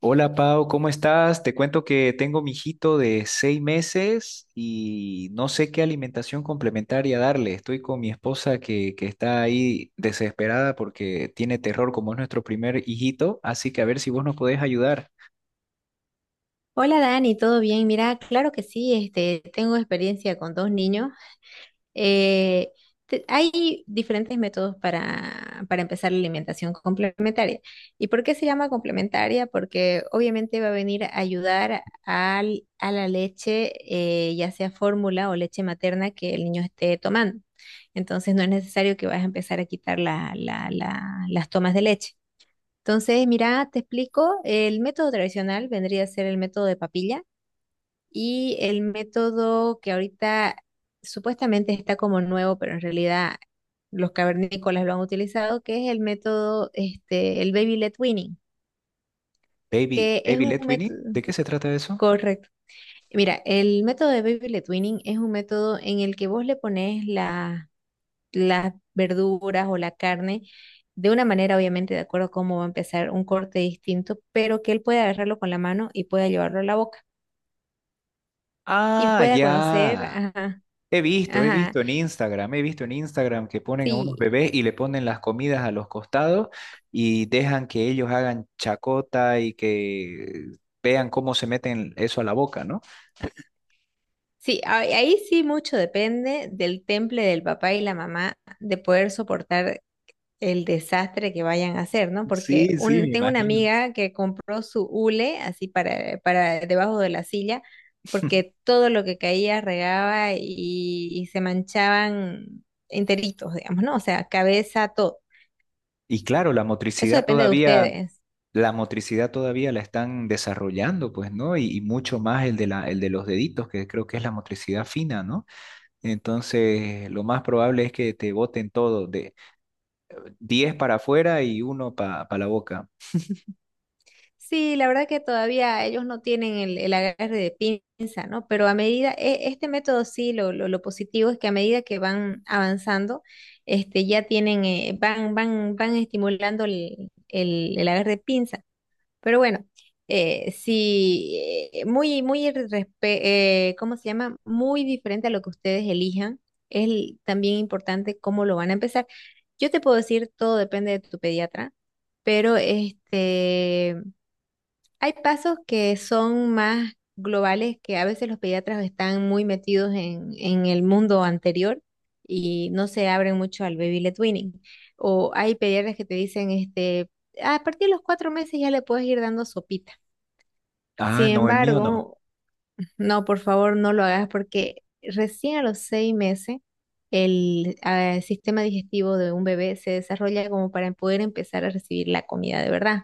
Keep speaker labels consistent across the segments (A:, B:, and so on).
A: Hola Pau, ¿cómo estás? Te cuento que tengo mi hijito de seis meses y no sé qué alimentación complementaria darle. Estoy con mi esposa que está ahí desesperada porque tiene terror como es nuestro primer hijito, así que a ver si vos nos podés ayudar.
B: Hola Dani, ¿todo bien? Mira, claro que sí, tengo experiencia con dos niños. Eh, Hay diferentes métodos para empezar la alimentación complementaria. ¿Y por qué se llama complementaria? Porque obviamente va a venir a ayudar a la leche, ya sea fórmula o leche materna que el niño esté tomando. Entonces no es necesario que vayas a empezar a quitar las tomas de leche. Entonces, mira, te explico, el método tradicional vendría a ser el método de papilla y el método que ahorita supuestamente está como nuevo, pero en realidad los cavernícolas lo han utilizado, que es el método, el baby led weaning,
A: Baby,
B: que es
A: Baby
B: un
A: Led Winnie,
B: método
A: ¿de qué se trata eso?
B: correcto. Mira, el método de baby led weaning es un método en el que vos le pones las verduras o la carne de una manera, obviamente, de acuerdo a cómo va a empezar un corte distinto, pero que él pueda agarrarlo con la mano y pueda llevarlo a la boca y
A: Ah,
B: pueda conocer,
A: ya.
B: ajá, ajá.
A: He visto en Instagram que ponen a unos
B: Sí,
A: bebés y le ponen las comidas a los costados y dejan que ellos hagan chacota y que vean cómo se meten eso a la boca, ¿no?
B: sí, ahí sí mucho depende del temple del papá y la mamá de poder soportar el desastre que vayan a hacer, ¿no? Porque
A: Sí, sí, me
B: tengo una
A: imagino.
B: amiga que compró su hule así para debajo de la silla, porque todo lo que caía regaba y se manchaban enteritos, digamos, ¿no? O sea, cabeza, todo.
A: Y claro,
B: Eso depende de ustedes.
A: la motricidad todavía la están desarrollando, pues, ¿no? Y mucho más el de los deditos, que creo que es la motricidad fina, ¿no? Entonces, lo más probable es que te boten todo, de 10 para afuera y uno para la boca.
B: Sí, la verdad que todavía ellos no tienen el agarre de pinza, ¿no? Pero a medida, este método sí, lo positivo es que a medida que van avanzando, ya tienen, van estimulando el agarre de pinza. Pero bueno, sí, ¿cómo se llama? Muy diferente a lo que ustedes elijan. Es también importante cómo lo van a empezar. Yo te puedo decir, todo depende de tu pediatra, pero hay pasos que son más globales, que a veces los pediatras están muy metidos en el mundo anterior y no se abren mucho al baby led weaning. O hay pediatras que te dicen, a partir de los 4 meses ya le puedes ir dando sopita.
A: Ah,
B: Sin
A: no, el mío no.
B: embargo, no, por favor, no lo hagas porque recién a los 6 meses el sistema digestivo de un bebé se desarrolla como para poder empezar a recibir la comida de verdad.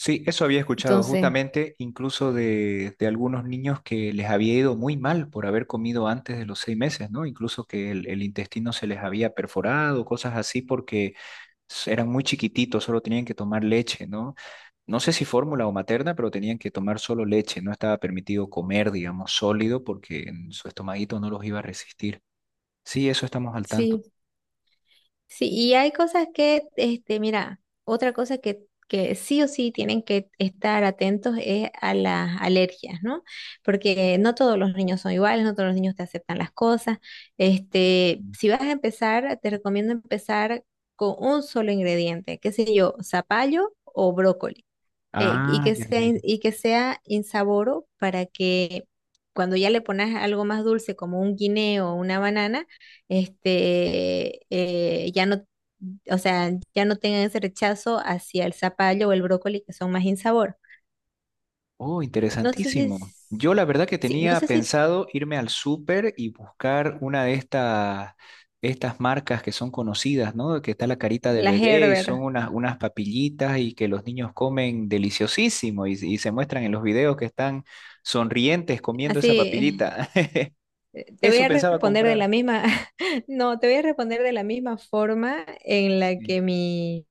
A: Sí, eso había escuchado
B: Entonces.
A: justamente incluso de algunos niños que les había ido muy mal por haber comido antes de los seis meses, ¿no? Incluso que el intestino se les había perforado, cosas así, porque eran muy chiquititos, solo tenían que tomar leche, ¿no? No sé si fórmula o materna, pero tenían que tomar solo leche, no estaba permitido comer, digamos, sólido, porque en su estomaguito no los iba a resistir. Sí, eso estamos al tanto.
B: Sí, sí, y hay cosas que, mira, otra cosa que sí o sí tienen que estar atentos es a las alergias, ¿no? Porque no todos los niños son iguales, no todos los niños te aceptan las cosas.
A: Mm.
B: Si vas a empezar, te recomiendo empezar con un solo ingrediente, qué sé yo, zapallo o brócoli y
A: Ah,
B: que
A: ya,
B: sea,
A: ya.
B: y que sea insaboro para que cuando ya le pones algo más dulce como un guineo o una banana, este, eh, ya no, o sea, ya no tengan ese rechazo hacia el zapallo o el brócoli que son más insabor.
A: Oh,
B: No sé si,
A: interesantísimo.
B: s-
A: Yo la verdad que
B: sí, no
A: tenía
B: sé si
A: pensado irme al súper y buscar una de estas marcas que son conocidas, ¿no? Que está la carita del
B: la
A: bebé y son
B: Gerber,
A: unas papillitas y que los niños comen deliciosísimo y se muestran en los videos que están sonrientes comiendo esa
B: así,
A: papillita.
B: te voy
A: Eso
B: a
A: pensaba
B: responder de
A: comprar.
B: la misma, no, te voy a responder de la misma forma en la
A: Sí.
B: que mi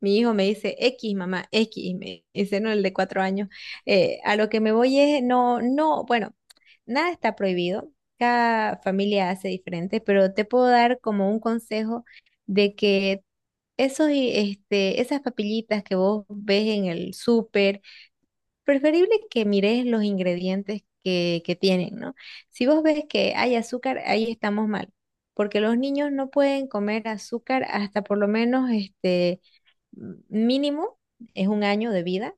B: Mi hijo me dice X, mamá, X, me dice, no, el de 4 años. A lo que me voy es, no, no, bueno, nada está prohibido, cada familia hace diferente, pero te puedo dar como un consejo de que esas papillitas que vos ves en el súper, preferible que mires los ingredientes que tienen, ¿no? Si vos ves que hay azúcar, ahí estamos mal, porque los niños no pueden comer azúcar hasta por lo menos, mínimo es 1 año de vida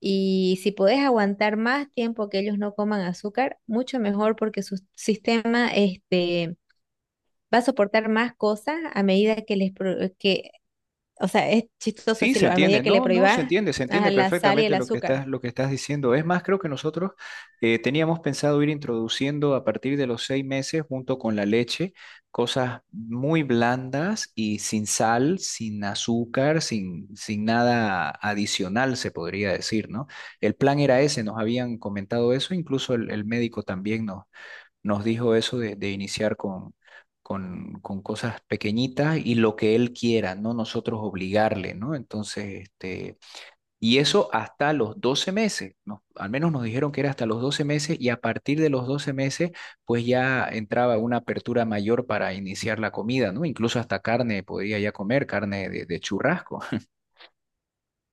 B: y si podés aguantar más tiempo que ellos no coman azúcar, mucho mejor porque su sistema va a soportar más cosas a medida que les, o sea, es chistoso
A: Sí, se
B: decirlo, a medida
A: entiende,
B: que le
A: no, no, se
B: prohíbas
A: entiende, se
B: a
A: entiende
B: la sal y el
A: perfectamente lo que
B: azúcar.
A: estás diciendo. Es más, creo que nosotros teníamos pensado ir introduciendo a partir de los seis meses, junto con la leche, cosas muy blandas y sin sal, sin azúcar, sin nada adicional, se podría decir, ¿no? El plan era ese, nos habían comentado eso, incluso el médico también nos dijo eso de iniciar con cosas pequeñitas y lo que él quiera, no nosotros obligarle, ¿no? Entonces, este, y eso hasta los 12 meses, ¿no? Al menos nos dijeron que era hasta los 12 meses y a partir de los 12 meses, pues ya entraba una apertura mayor para iniciar la comida, ¿no? Incluso hasta carne podía ya comer, carne de churrasco.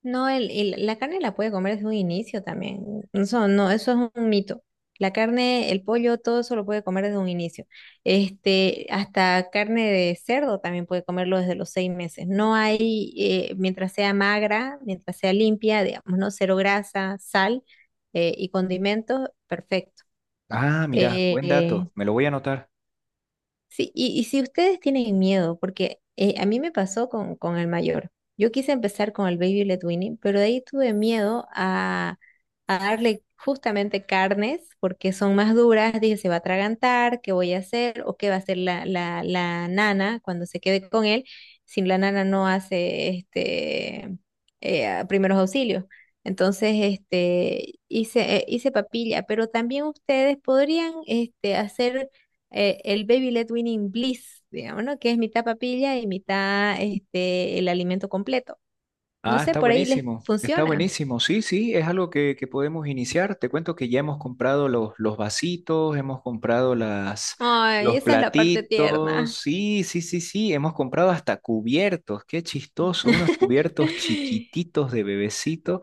B: No, el, la carne la puede comer desde un inicio también. Eso no, eso es un mito. La carne, el pollo, todo eso lo puede comer desde un inicio. Hasta carne de cerdo también puede comerlo desde los 6 meses. No hay, mientras sea magra, mientras sea limpia, digamos, ¿no? Cero grasa, sal, y condimentos, perfecto.
A: Ah, mira, buen
B: Eh,
A: dato, me lo voy a anotar.
B: Sí, y si ustedes tienen miedo, porque a mí me pasó con, el mayor. Yo quise empezar con el Baby Led Winnie, pero de ahí tuve miedo a darle justamente carnes, porque son más duras. Dije, se va a atragantar, ¿qué voy a hacer? ¿O qué va a hacer la, la nana cuando se quede con él? Si la nana no hace primeros auxilios. Entonces, hice, hice papilla, pero también ustedes podrían hacer el Baby led Winning Bliss, digamos, ¿no? Que es mitad papilla y mitad el alimento completo. No
A: Ah,
B: sé,
A: está
B: por ahí les
A: buenísimo, está
B: funciona.
A: buenísimo. Sí, sí, es algo que podemos iniciar. Te cuento que ya hemos comprado los vasitos, hemos comprado
B: Ay,
A: los
B: esa es la parte
A: platitos.
B: tierna.
A: Sí, sí, sí, sí, hemos comprado hasta cubiertos. Qué chistoso, unos cubiertos chiquititos de bebecito.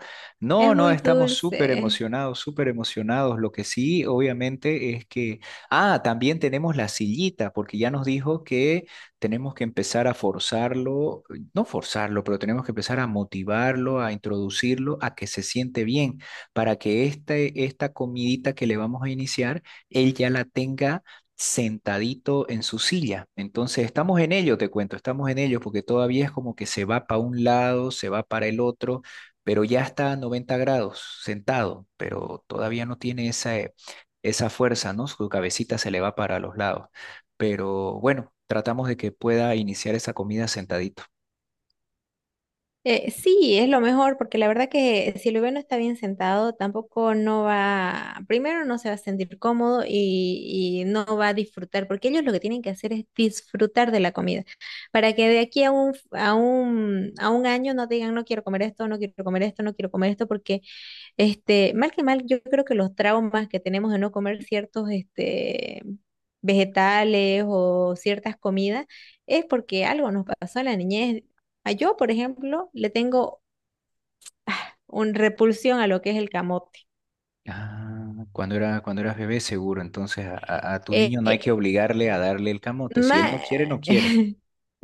B: Es
A: No, no,
B: muy
A: estamos súper
B: dulce.
A: emocionados, súper emocionados. Lo que sí, obviamente, es que, ah, también tenemos la sillita, porque ya nos dijo que tenemos que empezar a forzarlo no forzarlo, pero tenemos que empezar a motivarlo, a introducirlo, a que se siente bien, para que este, esta comidita que le vamos a iniciar, él ya la tenga sentadito en su silla. Entonces, estamos en ello, te cuento, estamos en ello, porque todavía es como que se va para un lado, se va para el otro, pero ya está a 90 grados sentado, pero todavía no tiene esa fuerza, ¿no? Su cabecita se le va para los lados. Pero bueno, tratamos de que pueda iniciar esa comida sentadito.
B: Sí, es lo mejor, porque la verdad que si el bebé no está bien sentado, tampoco no va, primero no se va a sentir cómodo y no va a disfrutar, porque ellos lo que tienen que hacer es disfrutar de la comida, para que de aquí a un año no digan, no quiero comer esto, no quiero comer esto, no quiero comer esto, porque mal que mal, yo creo que los traumas que tenemos de no comer ciertos vegetales o ciertas comidas es porque algo nos pasó en la niñez. A yo, por ejemplo, le tengo una repulsión a lo que es el camote.
A: Ah, cuando eras bebé, seguro. Entonces, a tu
B: Eh,
A: niño no hay que
B: eh,
A: obligarle a darle el camote. Si él
B: ma-
A: no quiere, no quiere.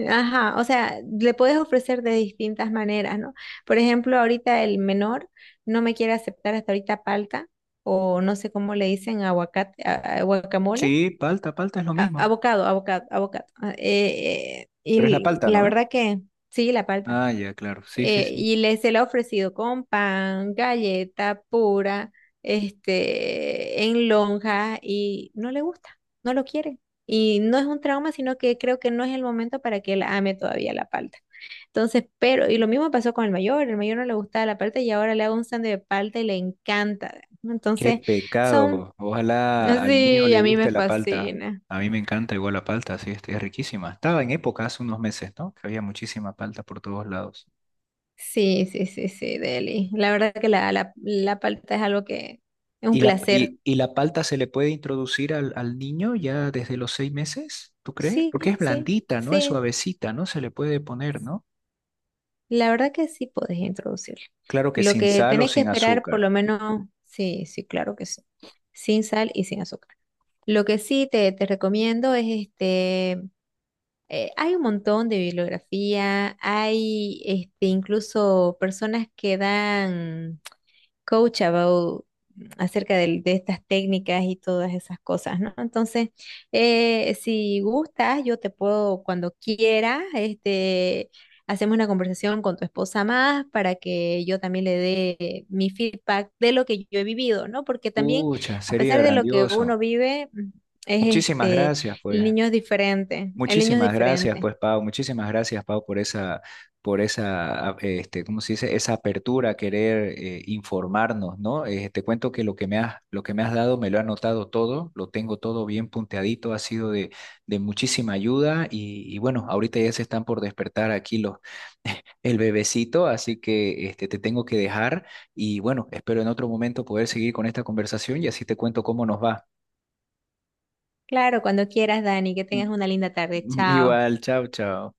B: Ajá, o sea, le puedes ofrecer de distintas maneras, ¿no? Por ejemplo, ahorita el menor no me quiere aceptar hasta ahorita palta o no sé cómo le dicen aguacate, guacamole
A: Sí, palta, palta es lo mismo.
B: abocado, abocado, abocado. Ah,
A: Pero es la
B: y
A: palta, ¿no?
B: la
A: ¿Ve?
B: verdad que sí, la palta.
A: Ah, ya, claro. Sí, sí, sí.
B: Y se la ha ofrecido con pan, galleta pura, en lonja y no le gusta, no lo quiere. Y no es un trauma, sino que creo que no es el momento para que él ame todavía la palta. Entonces, pero, y lo mismo pasó con el mayor no le gustaba la palta y ahora le hago un sándwich de palta y le encanta.
A: Qué
B: Entonces, son,
A: pecado. Ojalá al mío
B: sí,
A: le
B: a mí me
A: guste la palta.
B: fascina.
A: A mí me encanta igual la palta, sí, este, es riquísima. Estaba en época hace unos meses, ¿no? Que había muchísima palta por todos lados.
B: Sí, sí, sí, sí, Deli. La verdad que la, la palta es algo que es un
A: ¿Y la,
B: placer.
A: y, y la palta se le puede introducir al niño ya desde los seis meses? ¿Tú crees?
B: Sí,
A: Porque es
B: sí,
A: blandita, ¿no? Es
B: sí.
A: suavecita, ¿no? Se le puede poner, ¿no?
B: La verdad que sí puedes introducirlo.
A: Claro que
B: Lo
A: sin
B: que
A: sal o
B: tenés que
A: sin
B: esperar, por
A: azúcar.
B: lo menos, sí, sí, claro que sí. Sin sal y sin azúcar. Lo que sí te recomiendo es hay un montón de bibliografía, hay incluso personas que dan coach about acerca de, estas técnicas y todas esas cosas, ¿no? Entonces, si gustas, yo te puedo, cuando quiera, hacemos una conversación con tu esposa más para que yo también le dé mi feedback de lo que yo he vivido, ¿no? Porque también,
A: Pucha,
B: a
A: sería
B: pesar de lo que
A: grandioso.
B: uno vive, es
A: Muchísimas gracias,
B: el
A: pues.
B: niño es diferente, el niño es
A: Muchísimas gracias,
B: diferente.
A: pues Pau, muchísimas gracias, Pau, por esa, este, ¿cómo se dice? Esa apertura a querer informarnos, ¿no? Te cuento que lo que me has dado, me lo he anotado todo, lo tengo todo bien punteadito, ha sido de muchísima ayuda y bueno, ahorita ya se están por despertar aquí el bebecito, así que este, te tengo que dejar y bueno, espero en otro momento poder seguir con esta conversación y así te cuento cómo nos va.
B: Claro, cuando quieras, Dani, que tengas
A: Mm.
B: una linda tarde. Chao.
A: Igual, chao, chao.